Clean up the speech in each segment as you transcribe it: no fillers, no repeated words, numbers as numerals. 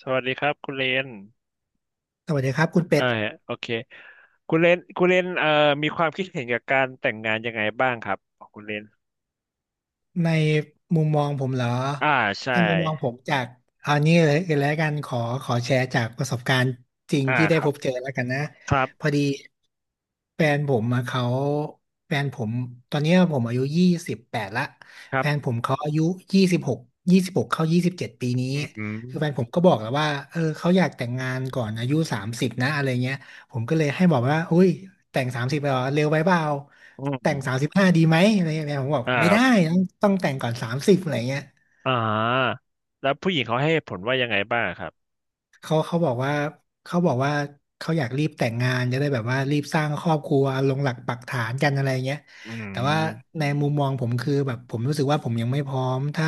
สวัสดีครับคุณเลนสวัสดีครับคุณเป็อ่าดโอเคคุณเลนมีความคิดเห็นกับการแต่งงานยังไงบ้างครับของคุณเลนในมุมมองผมเหรออ่าใช่ในมุมมองผมจากเอานี้เลยแล้วกันขอแชร์จากประสบการณ์จริงอ่าที่คได้รัพบบเจอแล้วกันนะครับพอดีแฟนผมมาเขาแฟนผมตอนเนี้ยผมอายุ28ละครัแฟนผบมเขาอายุยี่สิบหกยี่สิบหกเข้า27ปีนี้อืคือแฟนมผมก็บอกแล้วว่าเออเขาอยากแต่งงานก่อนอายุสามสิบนะอะไรเงี้ย ผมก็เลยให้บอกว่าอุ้ยแต่งสามสิบไปเหรอ เร็วไปเปล่าอืแต่งสามมสิบห้าดีไหมอะไรอย่างเงี้ย ผมบอกอ่าไม่ครัได้ บต้องแต่งก่อน30อะไรเงี้ย อ่าแล้วผู้หญิงเขาให้เหตุผลว่ายังไงบ้างครับเขาเขาบอกว่าเขาบอกว่าเขาอยากรีบแต่งงานจะได้แบบว่ารีบสร้างครอบครัวลงหลักปักฐานกันอะไรเงี้ยอืแต่ว่ามในมุมมองผมคือแบบผมรู้สึกว่าผมยังไม่พร้อมถ้า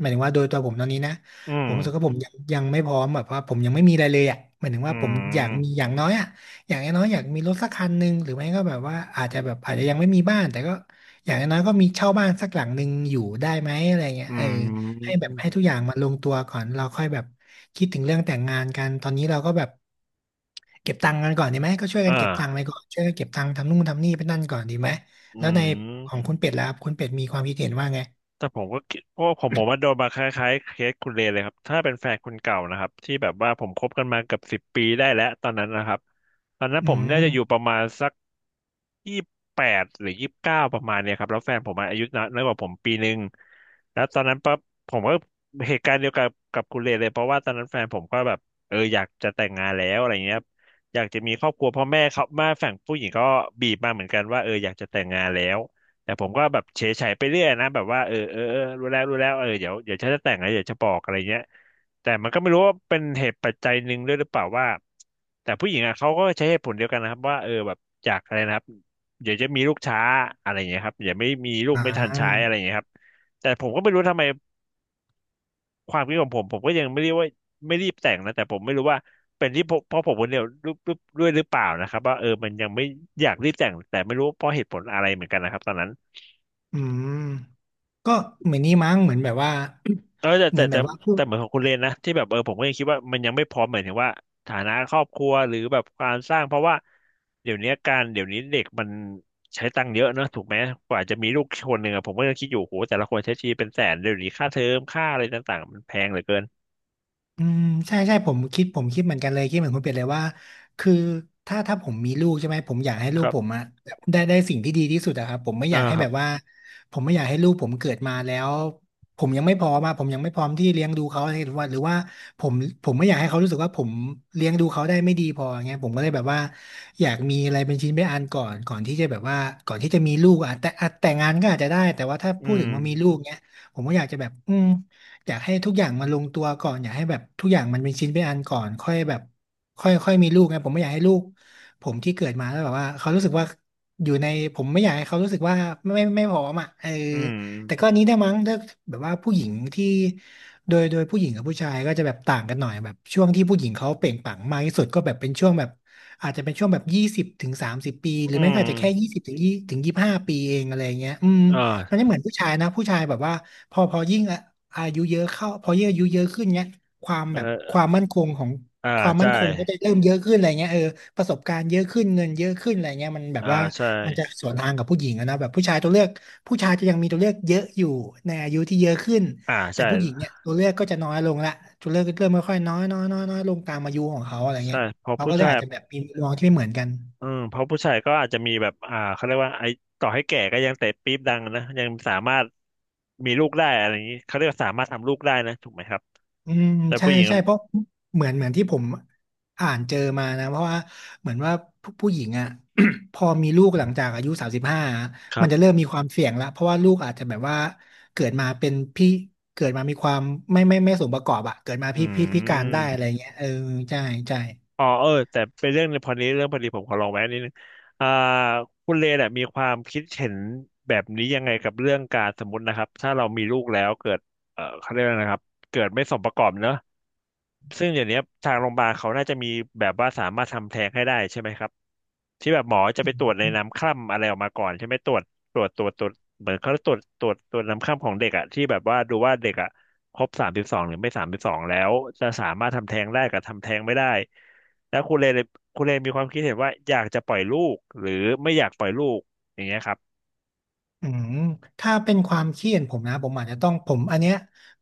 หมายถึงว่าโดยตัวผมตอนนี้นะอืผมมรู้สึกว่าผมยังไม่พร้อมแบบว่าผมยังไม่มีอะไรเลยอ่ะหมายถึงอืว่าผมอยากมีมอย่างน้อยอ่ะอย่างน้อยๆอยากมีรถสักคันหนึ่งหรือไม่ก็แบบว่าอาจอืจะแบบอาจจะมยังไม่มีบ้านแต่ก็อย่างน้อยๆก็มีเช่าบ้านสักหลังหนึ่งอยู่ได้ไหมอะไรเงี้ยอืเออ มให้แบบให้ทุกอย่างมาลงตัวก่อนเราค่อยแบบคิดถึงเรื่องแต่งงานกันตอนนี้เราก็แบบเก็บตังค์กันก่อนดีไหมก็ช่วยกัอ่านเก็บตังค์ไปก่อนช่วยกันเก็บตังค์ทำนู่นทำนี่ไปนั่นก่อนดีไหมอืแล้วในของม คุณเป็ดล่ะครับคุณเป็ดมีความคิดเห็นว่าไงแต่ผมก็คิดเพราะว่าผมว่าโดนมาคล้ายๆเคสคุณเลนเลยครับถ้าเป็นแฟนคนเก่านะครับที่แบบว่าผมคบกันมาเกือบ 10 ปีได้แล้วตอนนั้นนะครับตอนนั้นผอืมน่ามจะอยู่ประมาณสักยี่แปดหรือ29ประมาณเนี่ยครับแล้วแฟนผมอะอายุน้อยน้อยกว่าผมปีหนึ่งแล้วตอนนั้นปั๊บผมก็เหตุการณ์เดียวกับคุณเลนเลยเพราะว่าตอนนั้นแฟนผมก็แบบเอออยากจะแต่งงานแล้วอะไรเงี้ยครับอยากจะมีครอบครัวพ่อแม่เขาแมาฝั่งผู้หญิงก็บีบมาเหมือนกันว่าเอออยากจะแต่งงานแล้ว แต่ผมก็แบบเฉยๆไปเรื่อยนะแบบว่าเออเออเออรู้แล้วรู้แล้วเออเดี๋ยวเดี๋ยวฉันจะแต่งแล้วเดี๋ยวจะบอกอะไรเงี้ยแต่มันก็ไม่รู้ว่าเป็นเหตุปัจจัยหนึ่งด้วยหรือเปล่าว่าแต่ผู้หญิงอ่ะเขาก็ใช้เหตุผลเดียวกันนะครับว่าเออแบบอยากอะไรนะครับเดี๋ยวจะมีลูกช้าอะไรเงี้ยครับเดี๋ยวาไม่มีลูกอ่ไม่ทันใช้อะาไรเงี้ยครับแต่ผมก็ไม่รู้ทำไมความคิดของผมผมก็ยังไม่เรียกว่าไม่รีบแต่งนะแต่ผมไม่รู้ว่าเป็นที่เพราะผมคนเดียวรูปด้วยหรือเปล่านะครับว่าเออมันยังไม่อยากรีบแต่งแต่ไม่รู้เพราะเหตุผลอะไรเหมือนกันนะครับตอนนั้น อืมก็เหมือนนี้มั้งเหมือนแบบว่า เออแต่ เหมืแต่อนแบแต่บว่าพูแต่ด เหมือนของคุณเลนนะที่แบบเออผมก็ยังคิดว่ามันยังไม่พร้อมหมายถึงว่าฐานะครอบครัวหรือแบบการสร้างเพราะว่าเดี๋ยวนี้การเดี๋ยวนี้เด็กมันใช้ตังค์เยอะเนอะถูกไหมกว่าจะมีลูกคนหนึ่งอะผมก็ยังคิดอยู่โหแต่ละคนใช้ชีวิตเป็นแสนเดี๋ยวนี้ค่าเทอมค่าอะไรต่างๆมันแพงเหลือเกินอืมใช่ใช่ผมคิดผมคิดเหมือนกันเลยคิดเหมือนคุณเป็ดเลยว่าคือถ้าผมมีลูกใช่ไหมผมอยากให้คลูกรัผมบอะได้สิ่งที่ดีที่สุดอะครับผมไม่ออ่ายากให้ครัแบบบว่าผมไม่อยากให้ลูกผมเกิดมาแล้วผมยังไม่พร้อมาผมยังไม่พร้อมที่เลี้ยงดูเขาอะไรหรือว่าผมผมไม่อยากให้เขารู้สึกว่าผมเลี้ยงดูเขาได้ไม่ดีพออย่างเงี้ยผมก็เลยแบบว่าอยากมีอะไรเป็นชิ้นเป็นอันก่อนที่จะแบบว่าก่อนที่จะมีลูกอะแต่อะแต่งงานก็อาจจะได้แต่ว่าถ้าอืพูดถึมงว่ามีลูกเงี้ยผมก็อยากจะแบบอืม อยากให้ทุกอย่างมันลงตัวก่อนอยากให้แบบทุกอย่างมันเป็นชิ้นเป็นอันก่อนค่อยแบบค่อยค่อยมีลูกไงผมไม่อยากให้ลูกผมที่เกิดมาแล้วแบบว่าเขารู้สึกว่าอยู่ในผมไม่อยากให้เขารู้สึกว่าไม่พร้อมอ่ะเอออืมแต่ก็อันนี้ได้มั้งถ้าแบบว่าผู้หญิงที่โดยโดยผู้หญิงกับผู้ชายก็จะแบบต่างกันหน่อยแบบช่วงที่ผู้หญิงเขาเปล่งปลั่งมากที่สุดก็แบบเป็นช่วงแบบอาจจะเป็นช่วงแบบ20 ถึง 30ปีหรือือไม่ก็มอาจจะแค่ยี่สิบถึง25ปีเองอะไรเงี้ยอืมอมัน่าไม่เหมือนผู้ชายนะผู้ชายแบบว่า พอยิ่งอะอายุเยอะเข้าพอยิ่งอายุเยอะขึ้นเนี้ยความเอแบบอความมั่นคงของอ่าความมั่ใช่นคงก็จะเริ่มเยอะขึ้นอะไรเงี้ยเออประสบการณ์เยอะขึ้นเงินเยอะขึ้นอะไรเงี้ยมันแบบอ่าว่าใช่มันจะสวนทางกับผู้หญิงอะนะแบบผู้ชายตัวเลือกผู้ชายจะยังมีตัวเลือกเยอะอยู่ในอายุที่เยอะขึ้นอ่าแต่ใช่ผู้หญิงเนี่ยตัวเลือกก็จะน้อยลงละตัวเลือกก็เริ่มค่อยๆน้อยน้อยน้อยน้อยลงตามอายุของเขาอะไรเงี้ใช่ยเพอเขาก็ผู้เลยชาย อาจจะแบบมีมุมมองที่ไม่เหมือนกัน อืมเพราะผู้ชายก็อาจจะมีแบบอ่าเขาเรียกว่าไอ้ต่อให้แก่ก็ยังเตะปี๊บดังนะยังสามารถมีลูกได้อะไรอย่างนี้เขาเรียกว่าสามารถทำลูกได้นะถูกไหมครับอืมแต่ใช่ผู้หญิงใช่เพราะเหมือนที่ผมอ่านเจอมานะเพราะว่าเหมือนว่าผู้หญิงอ่ะ พอมีลูกหลังจากอายุ35คมัรันจะเริ่บมมีความเสี่ยงแล้วเพราะว่าลูกอาจจะแบบว่าเกิดมาเป็นพี่เกิดมามีความไม่สมประกอบอ่ะเกิดมาอืพิการได้มอะไรเงี้ยเออใช่ใช่ อ๋อเออแต่เป็นเรื่องในพอนี้เรื่องพอดีผมขอลองแวะนิดนึงอ่าคุณเลเนี่ยมีความคิดเห็นแบบนี้ยังไงกับเรื่องการสมมตินะครับถ้าเรามีลูกแล้วเกิดเออเขาเรียกอะไรนะครับเกิดไม่สมประกอบเนอะ ซึ่งเดี๋ยวนี้ทางโรงพยาบาลเขาน่าจะมีแบบว่าสามารถทำแท้งให้ได้ใช่ไหมครับที่แบบหมอจะไปตรวจในน้ำคร่ำอะไรออกมาก่อนใช่ไหมตรวจเหมือนเขาตรวจน้ำคร่ำของเด็กอะที่แบบว่าดูว่าเด็กอะครบสามสิบสองหรือไม่สามสิบสองแล้วจะสามารถทำแท้งได้กับทำแท้งไม่ได้แล้วคุณเลนมีความคิดเห็นว่าอยากจะปล่อยลูกหรือไม่อยากปล่อยลูกอย่างเงี้ยครับอืมถ้าเป็นความเครีเห็นผมนะผมอาจจะต้องผมอันเนี้ย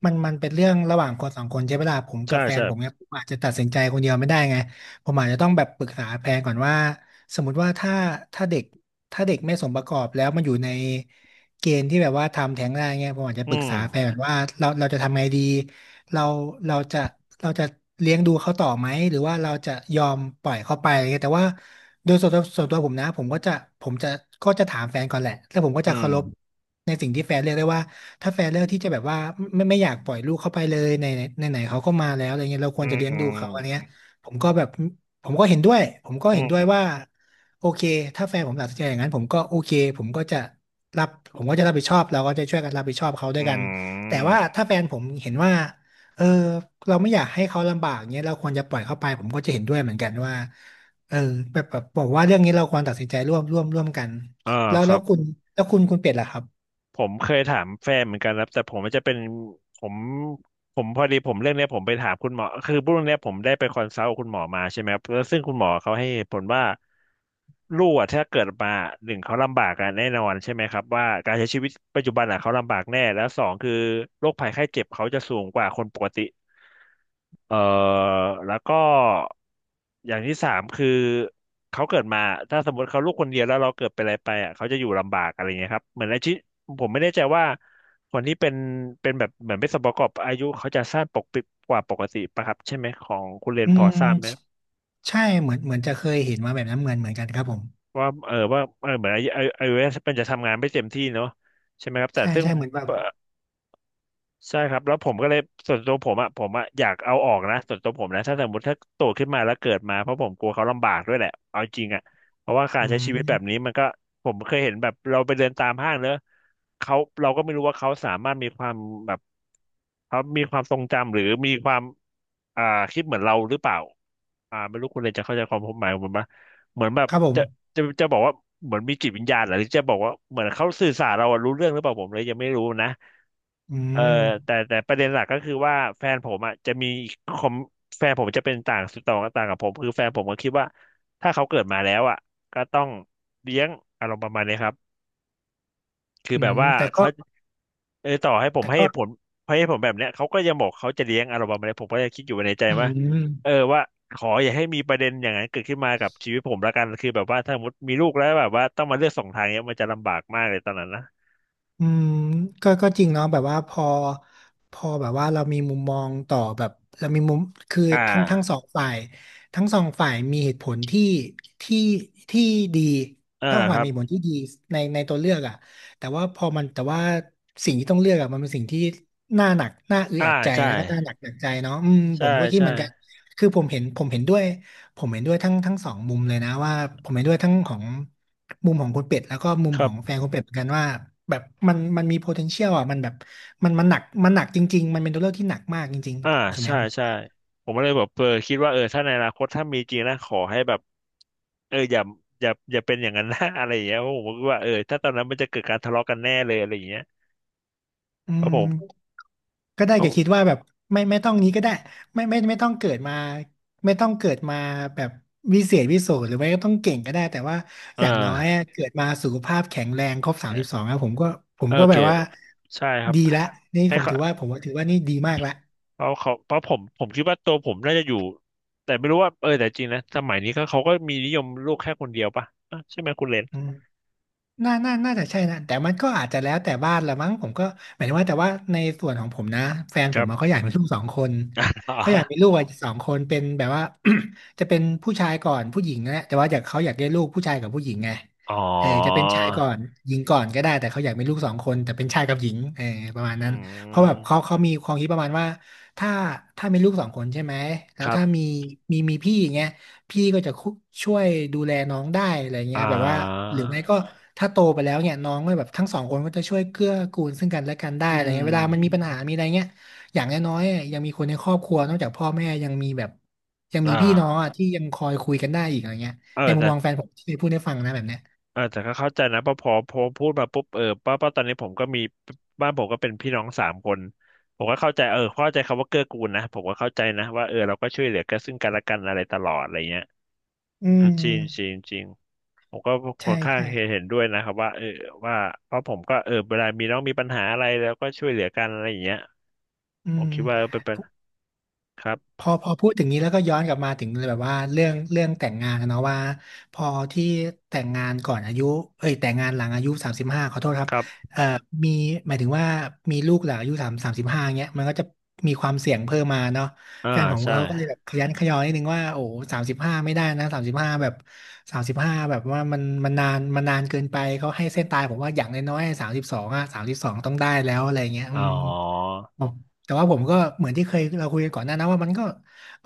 มันเป็นเรื่องระหว่างคนสองคนใช่ไหมล่ะผมกัใช่บแฟนใช่ผมเนี่ยผมอาจจะตัดสินใจคนเดียวไม่ได้ไงผมอาจจะต้องแบบปรึกษาแฟนก่อนว่าสมมติว่าถ้าถ้าเด็กไม่สมประกอบแล้วมันอยู่ใน เกณฑ์ที่แบบว่าทำแท้งได้เงี้ยผมอาจจะอืปรึกมษาแฟนแบบว่าเราจะทำไงดีเราเราจะเราจะเลี้ยงดูเขาต่อไหมหรือว่าเราจะยอมปล่อยเขาไปอะไรเงี้ยแต่ว่าโดยส่วนตัวผมนะผมก็จะถามแฟนก่อนแหละแล้วผมก็อืจะมเคารพในสิ่งที่แฟนเลือกได้ว่าถ้าแฟนเลือกที่จะแบบว่าไม่อยากปล่อยลูกเข้าไปเลยในไหนๆเขาก็มาแล้วอะไรเงี้ยเราคอืวรจะเลี้ยงดูเขาอะไรมเงี้ยผมก็แบบผมก็เห็นด้วยผมก็อืเห็นด้วยมว่า โอเคถ้าแฟนผมตัดสินใจอย่างนั้นผมก็โอเคผมก็จะรับผมก็จะรับผิดชอบเราก็จะช่วยกันรับผิดชอบเขาด้วอืยกันแต่มว่าถ้าอแฟนผมเห็นว่าเออเราไม่อยากให้เขาลำบากเนี้ยเราควรจะปล่อยเขาไปผมก็จะเห็นด้วยเหมือนกันว่าเออแบบบอกว่าเรื่องนี้เราควรตัดสินใจร่วมกันมอ่าแล้วคแล้รัวบ คุณแล้วคุณเป็ดล่ะครับผมเคยถามแฟนเหมือนกันครับแต่ผมมันจะเป็นผมผมพอดีผมเรื่องเนี้ยผมไปถามคุณหมอคือเรื่องเนี้ยผมได้ไปคอนซัลท์กับคุณหมอมาใช่ไหมครับแล้วซึ่งคุณหมอเขาให้เหตุผลว่าลูกอะถ้าเกิดมาหนึ่งเขาลำบากกันแน่นอนใช่ไหมครับว่าการใช้ชีวิตปัจจุบันอะเขาลำบากแน่แล้วสองคือโรคภัยไข้เจ็บเขาจะสูงกว่าคนปกติ เออแล้วก็อย่างที่สามคือเขาเกิดมาถ้าสมมติเขาลูกคนเดียวแล้วเราเกิดเป็นอะไรไปอ่ะเขาจะอยู่ลำบากอะไรเงี้ยครับเหมือนอาชีพผมไม่แน่ใจว่าคนที่เป็นเป็นแบบเหมือนเป็นสมประกอบอายุเขาจะสั้นปกปิดกว่าปกติปะครับใช่ไหมของคุณเรียนอืพอมทราบไหมใช่เหมือนจะเคยเห็นมาแบบนั้นเหมือนกันครับผมว่าเออว่าเออเหมือนอายุมันจะทำงานไม่เต็มที่เนาะใช่ไหมครับแต่ใช่ซึ่ง ใช่เหมือนแบบใช่ครับแล้วผมก็เลยส่วนตัวผมอ่ะอยากเอาออกนะส่วนตัวผมนะถ้าสมมติถ้าโตขึ้นมาแล้วเกิดมาเพราะผมกลัวเขาลำบากด้วยแหละเอาจริงอ่ะเพราะว่าการอืใช้ชีวิตแบบนี้มมันก็ผมเคยเห็นแบบเราไปเดินตามห้างเนอะเขาเราก็ไม่รู้ว่าเขาสามารถมีความแบบเขามีความทรงจำหรือมีความอ่าคิดเหมือนเราหรือเปล่าอ่าไม่รู้คุณเลยจะเข้าใจความผมหมายของผมปะเหมือนแบบครับผจะมจะบอกว่าเหมือนมีจิตวิญญาณเหรอหรือจะบอกว่าเหมือนเขาสื่อสารเราอะรู้เรื่องหรือเปล่าผมเลยยังไม่รู้นะ อืเออมแต่ประเด็นหลักก็คือว่าแฟนผมอ่ะจะมีคอมแฟนผมจะเป็นต่างต่างต่างกับผมคือแฟนผมก็คิดว่าถ้าเขาเกิดมาแล้วอ่ะก็ต้องเลี้ยงอารมณ์ประมาณนี้ครับคืออืแบบมว่าแต่ก็เขาเออต่อให้ผมแต่ให้ก็เหตุผลให้เหตุผลแบบเนี้ยเขาก็ยังบอกเขาจะเลี้ยงอารมณ์ประมาณนี้ผมก็จะคิดอยู่ในใจอืว่าม เออว่าขออย่าให้มีประเด็นอย่างนั้นเกิดขึ้นมากับชีวิตผมละกันคือแบบว่าถ้าสมมติมีลูกแล้วแบบว่าต้องมาเลือกสองทางเนี้ยมันจะลำบากมากเลยตอนนั้นนะอืมก็จริงเนาะแบบว่าพอแบบว่าเรามีมุมมองต่อแบบเรามีมุมคืออ่ทั้งทั้งสาองฝ่ายทั้งสองฝ่ายมีเหตุผลที่ที่ดีอ่าทั้งสองคฝ่ารัยบมีเหตุผลที่ดีในตัวเลือกอ่ะแต่ว่าพอมันแต่ว่าสิ่งที่ต้องเลือกอ่ะมันเป็นสิ่งที่น่าหนักน่าอึดอ่าอัดใจใช่แล้วก็น่าหนักใจเนาะอืมผใช่มก็คิดใช่เหมือนกันคือผมเห็นผมเห็นด้วยผมเห็นด้วยทั้งสองมุมเลยนะว่าผมเห็นด้วยทั้งของ มุมของคุณเป็ดแล้วก็มุมครัขอบ งแฟนคุณเป็ดเหมือนกันว่าแบบมันมี potential อ่ะมันแบบมันหนักจริงๆมันเป็นตัวเลือกที่หนักมากจริงอ่าๆส่วนนี้ใช่ผมใช่ผมก็เลยแบบเออคิดว่าเออถ้าในอนาคตถ้ามีจริงนะขอให้แบบเอออย่าอย่าเป็นอย่างนั้นนะ อะไรอย่างเงี้ยเพราะผมก็คิดว่าเออถ้าตอนนั้นมันจะเกิดการทะเลาะกันแน่เลยอะไรอย่างเงี้ยอืเพราะผมมก็ได้เพแก่ราะคิดว่าแบบไม่ต้องนี้ก็ได้ไม่ไม่ไม่ต้องเกิดมาไม่ต้องเกิดมาแบบวิเศษวิโสหรือไม่ก็ต้องเก่งก็ได้แต่ว่าเออย่างน้อยอะอเกิดมาสุขภาพแข็งแรงครบสามสิบสองแล้วผมก็ผมโอก็เคแบบว่าใช่ครับดีละนี่ให้เขาผมว่าถือว่านี่ดีมากละเขาเพราะผมคิดว่าตัวผมน่าจะอยู่แต่ไม่รู้ว่าเออแต่จริงนะสมัยนี้ก็เขาก็มีนิยมลูกแค่คนเดียวป่ะอ่ะใช่ไหมคุณเลนอืม น่าจะใช่นะแต่มันก็อาจจะแล้วแต่บ้านละมั้งผมก็หมายถึงว่าแต่ว่าในส่วนของผมนะแฟนคผรัมบ อะเขาอยากมีลูกสองคนเขาอยาก มีลูกอะสองคนเป็นแบบว่า จะเป็นผู้ชายก่อนผู้หญิงนะแต่ว่าอยากเขาอยากได้ลูกผู้ชายกับผู้หญิงไงอ๋เออจะเป็นอชายก่อนหญิงก่อนก็ได้แต่เขาอยากมีลูกสองคนแต่เป็นชายกับหญิงเออประมาณอืนั้นเพราะแบบเขามเขามีความคิดประมาณว่าถ้าถ้ามีลูกสองคนใช่ไหมแล้ควรัถ้าบมีพี่อย่างเงี้ย พี่ก็จะคุช่วยดูแลน้องได้อะไรเงี้อ่ยแบบว่าาหรือไม่ก็ถ้าโตไปแล้วเนี่ยน้องก็แบบทั้งสองคนก็จะช่วยเกื้อกูลซึ่งกันและกันได้อือะไรเงี้ยเวลามันมีม ปัญหามีอะไรเงี้ยอย่างน้อยๆอะยังมีคนในครอบครัวนอกจากพ่อแม่ยังมีแบบยังอ่มีพี่น้องอ่ะาที่ยังคอยคุยกันได้อีกอะไรเงี้ยเออในมุมแต่มองแฟนผมที่เคยพูดให้ฟังนะแบบเนี้ยเออแต่ก็เข้าใจนะเพอพอพูดมาปุ๊บเออป้าตอนนี้ผมก็มีบ้านผมก็เป็นพี่น้องสามคนผมก็เข้าใจเออเข้าใจคำว่าเกื้อกูลนะผมก็เข้าใจนะว่าเออเราก็ช่วยเหลือกันซึ่งกันและกันอะไรตลอดอะไรเงี้ยอืจริงจริมงจริงผมก็คอใช่นข้างใช่เห็นด้วยนะครับว่าเออว่าเพราะผมก็เออเวลามีน้องมีปัญหาอะไรแล้วก็ช่วยเหลือกันอะไรอย่างเงี้ยอืผมม คิดว่าเป็นเป็นครับพอพูดถึงนี้แล้วก็ย้อนกลับมาถึงแบบว่าเรื่องแต่งงานนะเนาะว่าพอที่แต่งงานก่อนอายุเอ้ยแต่งงานหลังอายุสามสิบห้าขอโทษครัคบรับเอ่อมีหมายถึงว่ามีลูกหลังอายุสามสิบห้าเงี้ยมันก็จะมีความเสี่ยงเพิ่มมาเนาะอ่าแฟนผมใช่เขาก็เลยแบบขยันขยอนิดนึงว่าโอ้สามสิบห้าไม่ได้นะสามสิบห้าแบบสามสิบห้าแบบว่ามันนานเกินไปเขาให้เส้นตายผมว่าอย่างน้อยๆสามสิบสองอะสามสิบสองต้องได้แล้วอะไรเงี้ยอือ๋อม อ๋อแต่ว่าผมก็เหมือนที่เคยเราคุยกันก่อนหน้านะว่ามันก็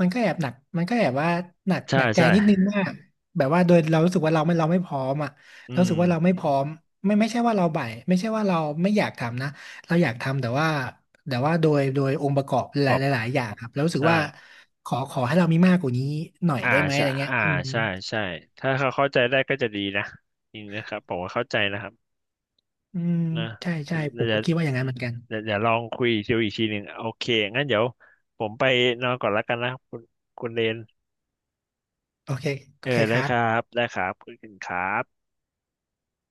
มันก็แอบหนักมันก็แอบว่าหนักใช่หนักใจใช่นิดนึงว่าแบบว่าโดยเรารู้สึกว่าเราไม่พร้อมอ่ะเราอืรู้มสึกว่าเราไม่พร้อมไม่ใช่ว่าเราบ่ายไม่ใช่ว่าเราไม่อยากทำนะเราอยากทำแต่ว่าโดยองค์ประกอบหขลาอยบหลายอย่างครับเรารู้สึกใช่ ว่าขอให้เรามีมากกว่านี้หน่อยอ่าได้ไหมอะใช่ไรเงี้ยอ่าอืมใช่ใช่ถ้าเขาเข้าใจได้ก็จะดีนะจริงนะครับผมว่าเข้าใจนะครับอืมนะใช่ใช่ผเดี๋ยวมเดี๋ก็ยคิดว่าอย่างนั้นเหมือนกันวเดี๋ยวลองคุยดูอีกทีหนึ่งโอเคงั้นเดี๋ยวผมไปนอนก่อนแล้วกันนะคุณคุณเรนโอเคโอเออเคคได้รัคบรับได้ครับคุณครับ